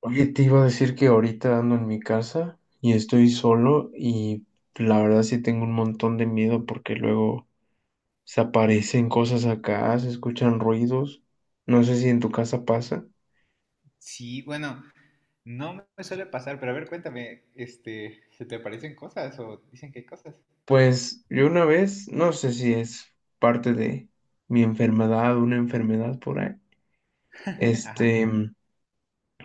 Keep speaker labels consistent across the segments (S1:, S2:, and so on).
S1: Oye, te iba a decir que ahorita ando en mi casa y estoy solo y la verdad sí tengo un montón de miedo porque luego se aparecen cosas acá, se escuchan ruidos. No sé si en tu casa pasa.
S2: Sí, bueno, no me suele pasar, pero a ver, cuéntame, ¿se te aparecen cosas o dicen que hay cosas?
S1: Pues yo una vez, no sé si es parte de mi enfermedad, una enfermedad por ahí.
S2: Ajá,
S1: Este, mm,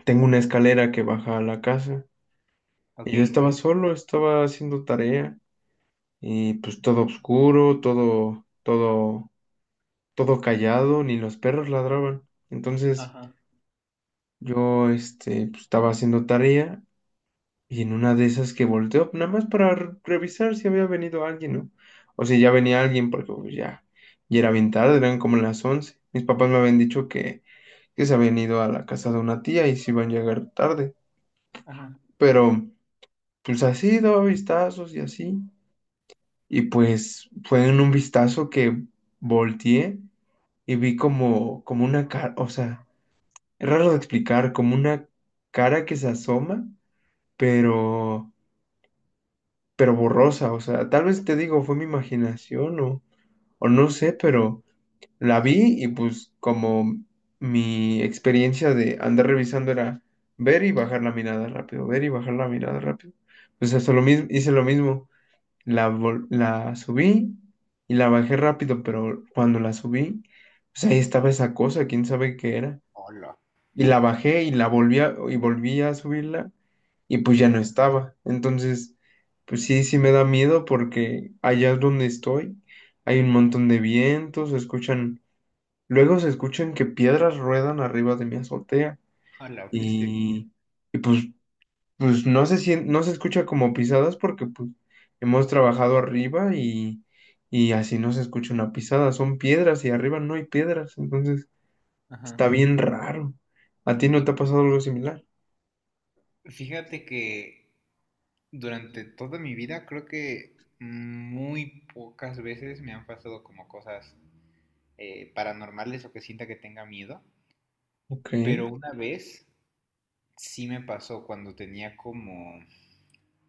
S1: Tengo una escalera que baja a la casa
S2: ok.
S1: y yo estaba solo, estaba haciendo tarea y pues todo oscuro, todo callado, ni los perros ladraban. Entonces
S2: Ajá,
S1: yo pues, estaba haciendo tarea y en una de esas que volteó, nada más para revisar si había venido alguien, ¿no? O si ya venía alguien, porque pues, ya era bien tarde, eran como las 11. Mis papás me habían dicho que se habían ido a la casa de una tía y se iban a llegar tarde.
S2: ajá.
S1: Pero pues así daba vistazos y así. Y pues fue en un vistazo que volteé y vi como una cara, o sea, es raro de explicar, como una cara que se asoma, pero, pero borrosa. O sea, tal vez te digo, fue mi imaginación o no sé, pero la
S2: Sí.
S1: vi y pues como mi experiencia de andar revisando era ver y bajar la mirada rápido, ver y bajar la mirada rápido. Pues hasta lo mismo, hice lo mismo. La subí y la bajé rápido, pero cuando la subí, pues ahí estaba esa cosa, quién sabe qué era
S2: Hola.
S1: y la bajé y volví a subirla y pues ya no
S2: Ajá.
S1: estaba. Entonces, pues sí, sí me da miedo porque allá donde estoy hay un montón de vientos, se escuchan, luego se escuchan que piedras ruedan arriba de mi azotea
S2: Hola, ¿qué estoy aquí?
S1: y, y pues, pues no se escucha como pisadas porque pues hemos trabajado arriba y así no se escucha una pisada, son piedras y arriba no hay piedras, entonces
S2: Ajá.
S1: está bien raro. ¿A ti no
S2: Bien.
S1: te ha pasado algo similar?
S2: Fíjate que durante toda mi vida creo que muy pocas veces me han pasado como cosas paranormales o que sienta que tenga miedo,
S1: Ok.
S2: pero una vez sí me pasó cuando tenía como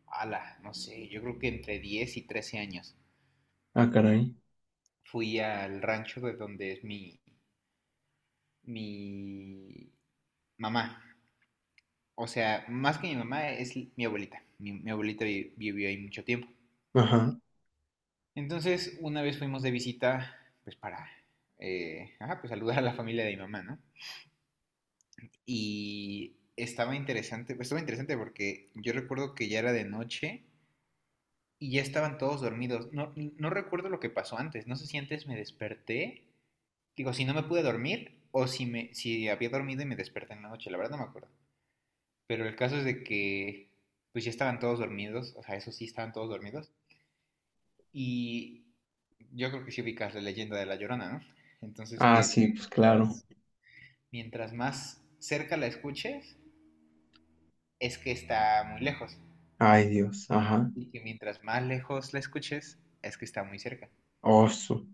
S2: ala, no sé, yo creo que entre 10 y 13 años.
S1: Ah, caray.
S2: Fui al rancho de donde es mi mamá. O sea, más que mi mamá, es mi abuelita. Mi abuelita vivió ahí mucho tiempo.
S1: Ajá.
S2: Entonces, una vez fuimos de visita, pues para, ajá, pues saludar a la familia de mi mamá, ¿no? Y estaba interesante, pues, estaba interesante porque yo recuerdo que ya era de noche y ya estaban todos dormidos. No, no recuerdo lo que pasó antes, no sé si antes me desperté. Digo, si no me pude dormir o si había dormido y me desperté en la noche, la verdad no me acuerdo. Pero el caso es de que pues ya estaban todos dormidos, o sea, eso sí, estaban todos dormidos. Y yo creo que sí ubicas la leyenda de la llorona, ¿no? Entonces
S1: Ah,
S2: que
S1: sí, pues claro.
S2: mientras, mientras más cerca la escuches, es que está muy lejos.
S1: Ay, Dios. Ajá.
S2: Y que mientras más lejos la escuches, es que está muy cerca.
S1: Oso.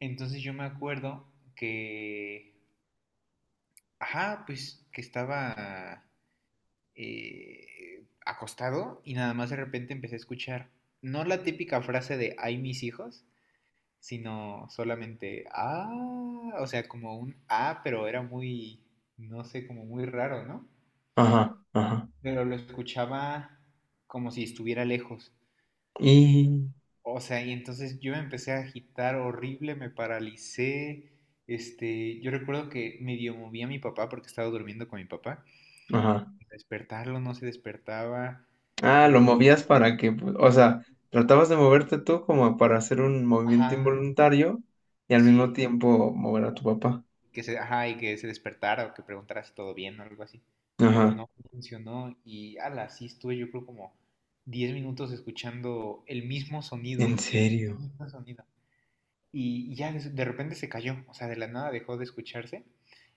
S2: Entonces yo me acuerdo que, ajá, pues que estaba acostado y nada más de repente empecé a escuchar no la típica frase de ay mis hijos, sino solamente ah, o sea, como un ah, pero era muy, no sé, como muy raro, ¿no?
S1: Ajá, ajá.
S2: Pero lo escuchaba como si estuviera lejos.
S1: Y.
S2: O sea, y entonces yo me empecé a agitar horrible, me paralicé. Yo recuerdo que medio movía a mi papá porque estaba durmiendo con mi papá.
S1: Ajá.
S2: Despertarlo no se despertaba.
S1: Ah, lo
S2: eh,
S1: movías para que, pues, o sea, tratabas de moverte tú como para hacer un movimiento
S2: ajá.
S1: involuntario y al mismo
S2: Sí,
S1: tiempo mover a tu papá.
S2: que se, ajá, y que se despertara o que preguntara si todo bien o algo así. Pero
S1: Ajá.
S2: no funcionó y ala, sí estuve yo creo como 10 minutos escuchando el mismo sonido,
S1: En
S2: el
S1: serio.
S2: mismo sonido. Y ya de repente se cayó, o sea, de la nada dejó de escucharse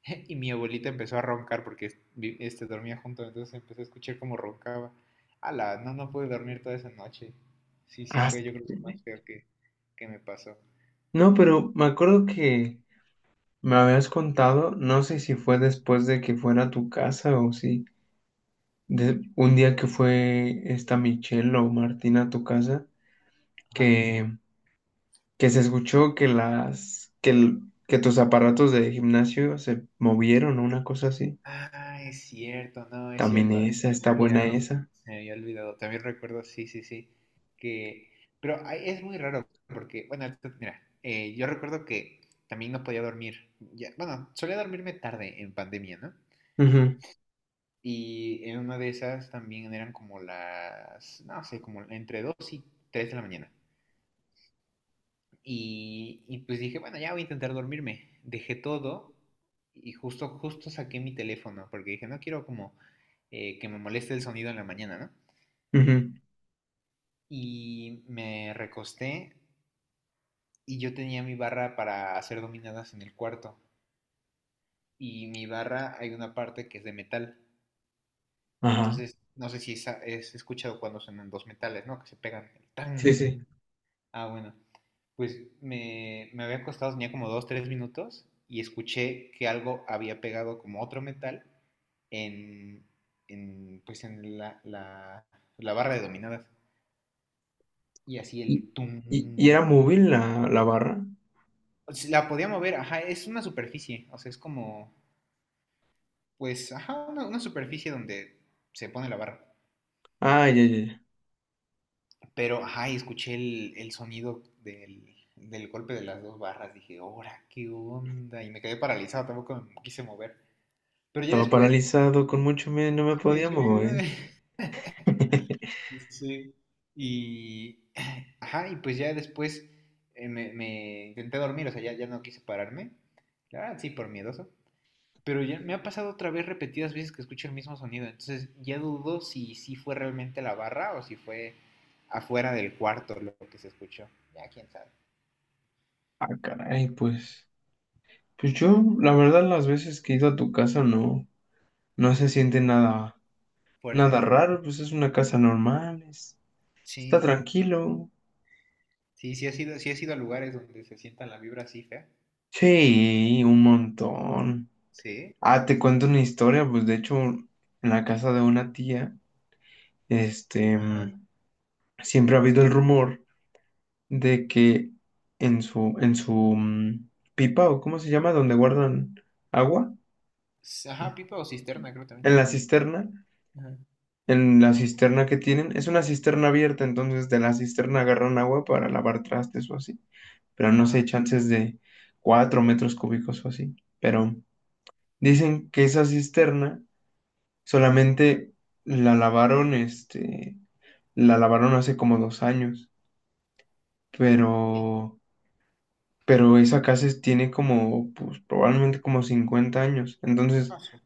S2: y mi abuelita empezó a roncar porque dormía junto, entonces empecé a escuchar cómo roncaba. Ala, no, no pude dormir toda esa noche. Sí, sí,
S1: Ah,
S2: fue
S1: su
S2: yo creo que lo más feo que me pasó.
S1: no, pero me acuerdo que me habías contado, no sé si fue después de que fuera a tu casa o si, de un día que fue esta Michelle o Martina a tu casa,
S2: Ajá.
S1: que, que se escuchó que que tus aparatos de gimnasio se movieron o una cosa así.
S2: Ah, es cierto, no, es
S1: También
S2: cierto, se me
S1: esa,
S2: había
S1: está buena
S2: olvidado,
S1: esa.
S2: se me había olvidado. También recuerdo, sí, sí, sí, que, pero ay, es muy raro porque, bueno, mira, yo recuerdo que también no podía dormir, ya, bueno, solía dormirme tarde en pandemia, ¿no?
S1: Ujú,
S2: Y en una de esas también eran como las, no sé, como entre 2 y 3 de la mañana. Y pues dije, bueno, ya voy a intentar dormirme. Dejé todo y justo saqué mi teléfono porque dije, no quiero como que me moleste el sonido en la mañana, ¿no?
S1: ujú,
S2: Y me recosté y yo tenía mi barra para hacer dominadas en el cuarto. Y mi barra hay una parte que es de metal.
S1: ajá.
S2: Entonces, no sé si es escuchado cuando suenan dos metales, ¿no? Que se pegan
S1: Sí, sí.
S2: tan, Ah, bueno. Pues me había acostado, tenía como 2, 3 minutos y escuché que algo había pegado como otro metal en, pues en la barra de dominadas. Y así
S1: ¿Y,
S2: el tum.
S1: y era móvil la barra?
S2: O sea, la podía mover, ajá, es una superficie, o sea, es como, pues, ajá, una superficie donde se pone la barra.
S1: Ah, ya, ya, ya.
S2: Pero, ajá, y escuché el sonido del golpe de las dos barras, dije, ¡hora, qué onda! Y me quedé paralizado, tampoco me quise mover. Pero ya
S1: Estaba
S2: después
S1: paralizado con mucho miedo, y no me
S2: comí
S1: podía
S2: hecho mierda.
S1: mover.
S2: Sí. Y, ajá, y pues ya después me intenté dormir, o sea, ya, ya no quise pararme. La verdad, sí, por miedoso. Pero ya me ha pasado otra vez repetidas veces que escucho el mismo sonido. Entonces ya dudo si fue realmente la barra o si fue afuera del cuarto lo que se escuchó. Ya quién sabe.
S1: Ah, caray, pues, pues yo, la verdad, las veces que he ido a tu casa no, no se siente nada,
S2: Fuerte,
S1: nada
S2: ¿no?
S1: raro, pues es una casa normal, es- está
S2: Sí.
S1: tranquilo.
S2: Sí, sí ha sido a lugares donde se sienta la vibra así fea.
S1: Sí, un montón.
S2: Sí.
S1: Ah, te cuento una historia, pues de hecho, en la casa de una tía, este,
S2: Ajá.
S1: mm, siempre ha habido el rumor de que en su pipa, o cómo se llama, donde guardan agua,
S2: Ajá, pipa o cisterna, creo también.
S1: en la cisterna,
S2: Ajá.
S1: en la cisterna que tienen, es una cisterna abierta, entonces de la cisterna agarran agua para lavar trastes o así, pero no sé,
S2: Ajá,
S1: chances de 4 metros cúbicos o así. Pero dicen que esa cisterna solamente la lavaron, la lavaron hace como 2 años,
S2: ok. ¿Qué
S1: pero, pero esa casa es- tiene como, pues probablemente como 50 años. Entonces,
S2: pasó?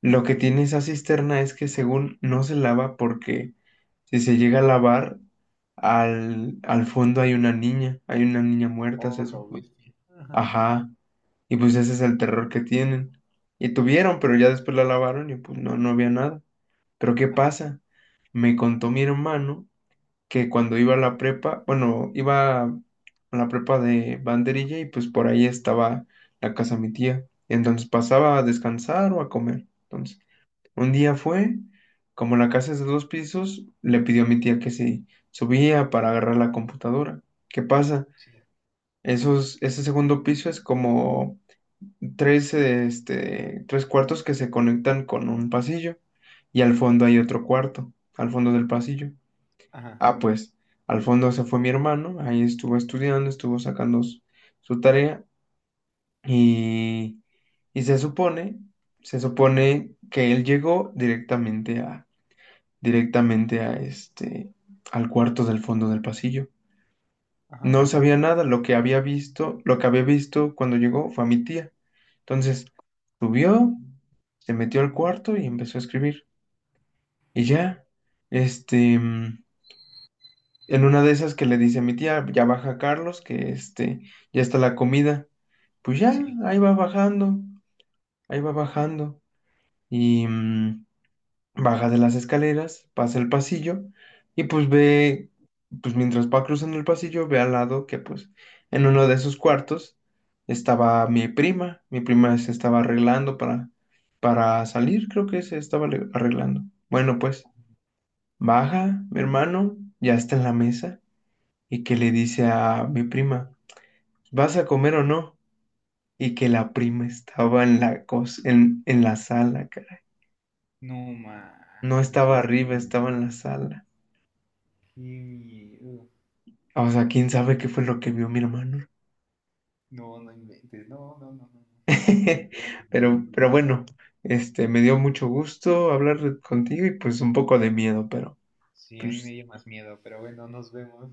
S1: lo que tiene esa cisterna es que según no se lava porque si se llega a lavar, al fondo hay una niña muerta,
S2: Oh,
S1: se
S2: lo
S1: supone.
S2: viste. Ajá,
S1: Ajá. Y pues ese es el terror que tienen. Y tuvieron, pero ya después la lavaron y pues no, no había nada. Pero ¿qué
S2: ah,
S1: pasa? Me contó mi hermano que cuando iba a la prepa, bueno, iba a la prepa de Banderilla y pues por ahí estaba la casa de mi tía. Entonces pasaba a descansar o a comer. Entonces, un día fue, como la casa es de dos pisos, le pidió a mi tía que se subía para agarrar la computadora. ¿Qué pasa?
S2: sí,
S1: Esos, ese segundo piso es como tres, tres cuartos que se conectan con un pasillo y al fondo hay otro cuarto, al fondo del pasillo.
S2: ajá,
S1: Ah, pues al fondo se fue mi hermano, ahí estuvo estudiando, estuvo sacando su tarea y, y se supone que él llegó directamente directamente a al cuarto del fondo del pasillo.
S2: ajá,
S1: No sabía nada, lo que había visto, lo que había visto cuando llegó fue a mi tía. Entonces, subió, se metió al cuarto y empezó a escribir. Y ya, este, mm, en una de esas que le dice a mi tía, ya baja Carlos, que ya está la comida. Pues ya,
S2: sí.
S1: ahí va bajando, ahí va bajando. Y baja de las escaleras, pasa el pasillo y pues ve, pues mientras va cruzando el pasillo, ve al lado que pues en uno de esos cuartos estaba mi prima se estaba arreglando para salir, creo que se estaba arreglando. Bueno, pues baja, mi hermano, ya está en la mesa y que le dice a mi prima, ¿vas a comer o no? Y que la prima estaba en en la sala, caray.
S2: No
S1: No estaba
S2: manches, qué
S1: arriba,
S2: miedo.
S1: estaba en la sala.
S2: Qué miedo.
S1: O sea, quién sabe qué fue lo que vio mi hermano.
S2: No, no inventes. No, no, no, no, no. Qué horrible, qué horrible.
S1: Pero bueno, me dio mucho gusto hablar contigo y pues un poco de miedo, pero
S2: Sí, a mí me
S1: pues
S2: dio más miedo, pero bueno, nos vemos.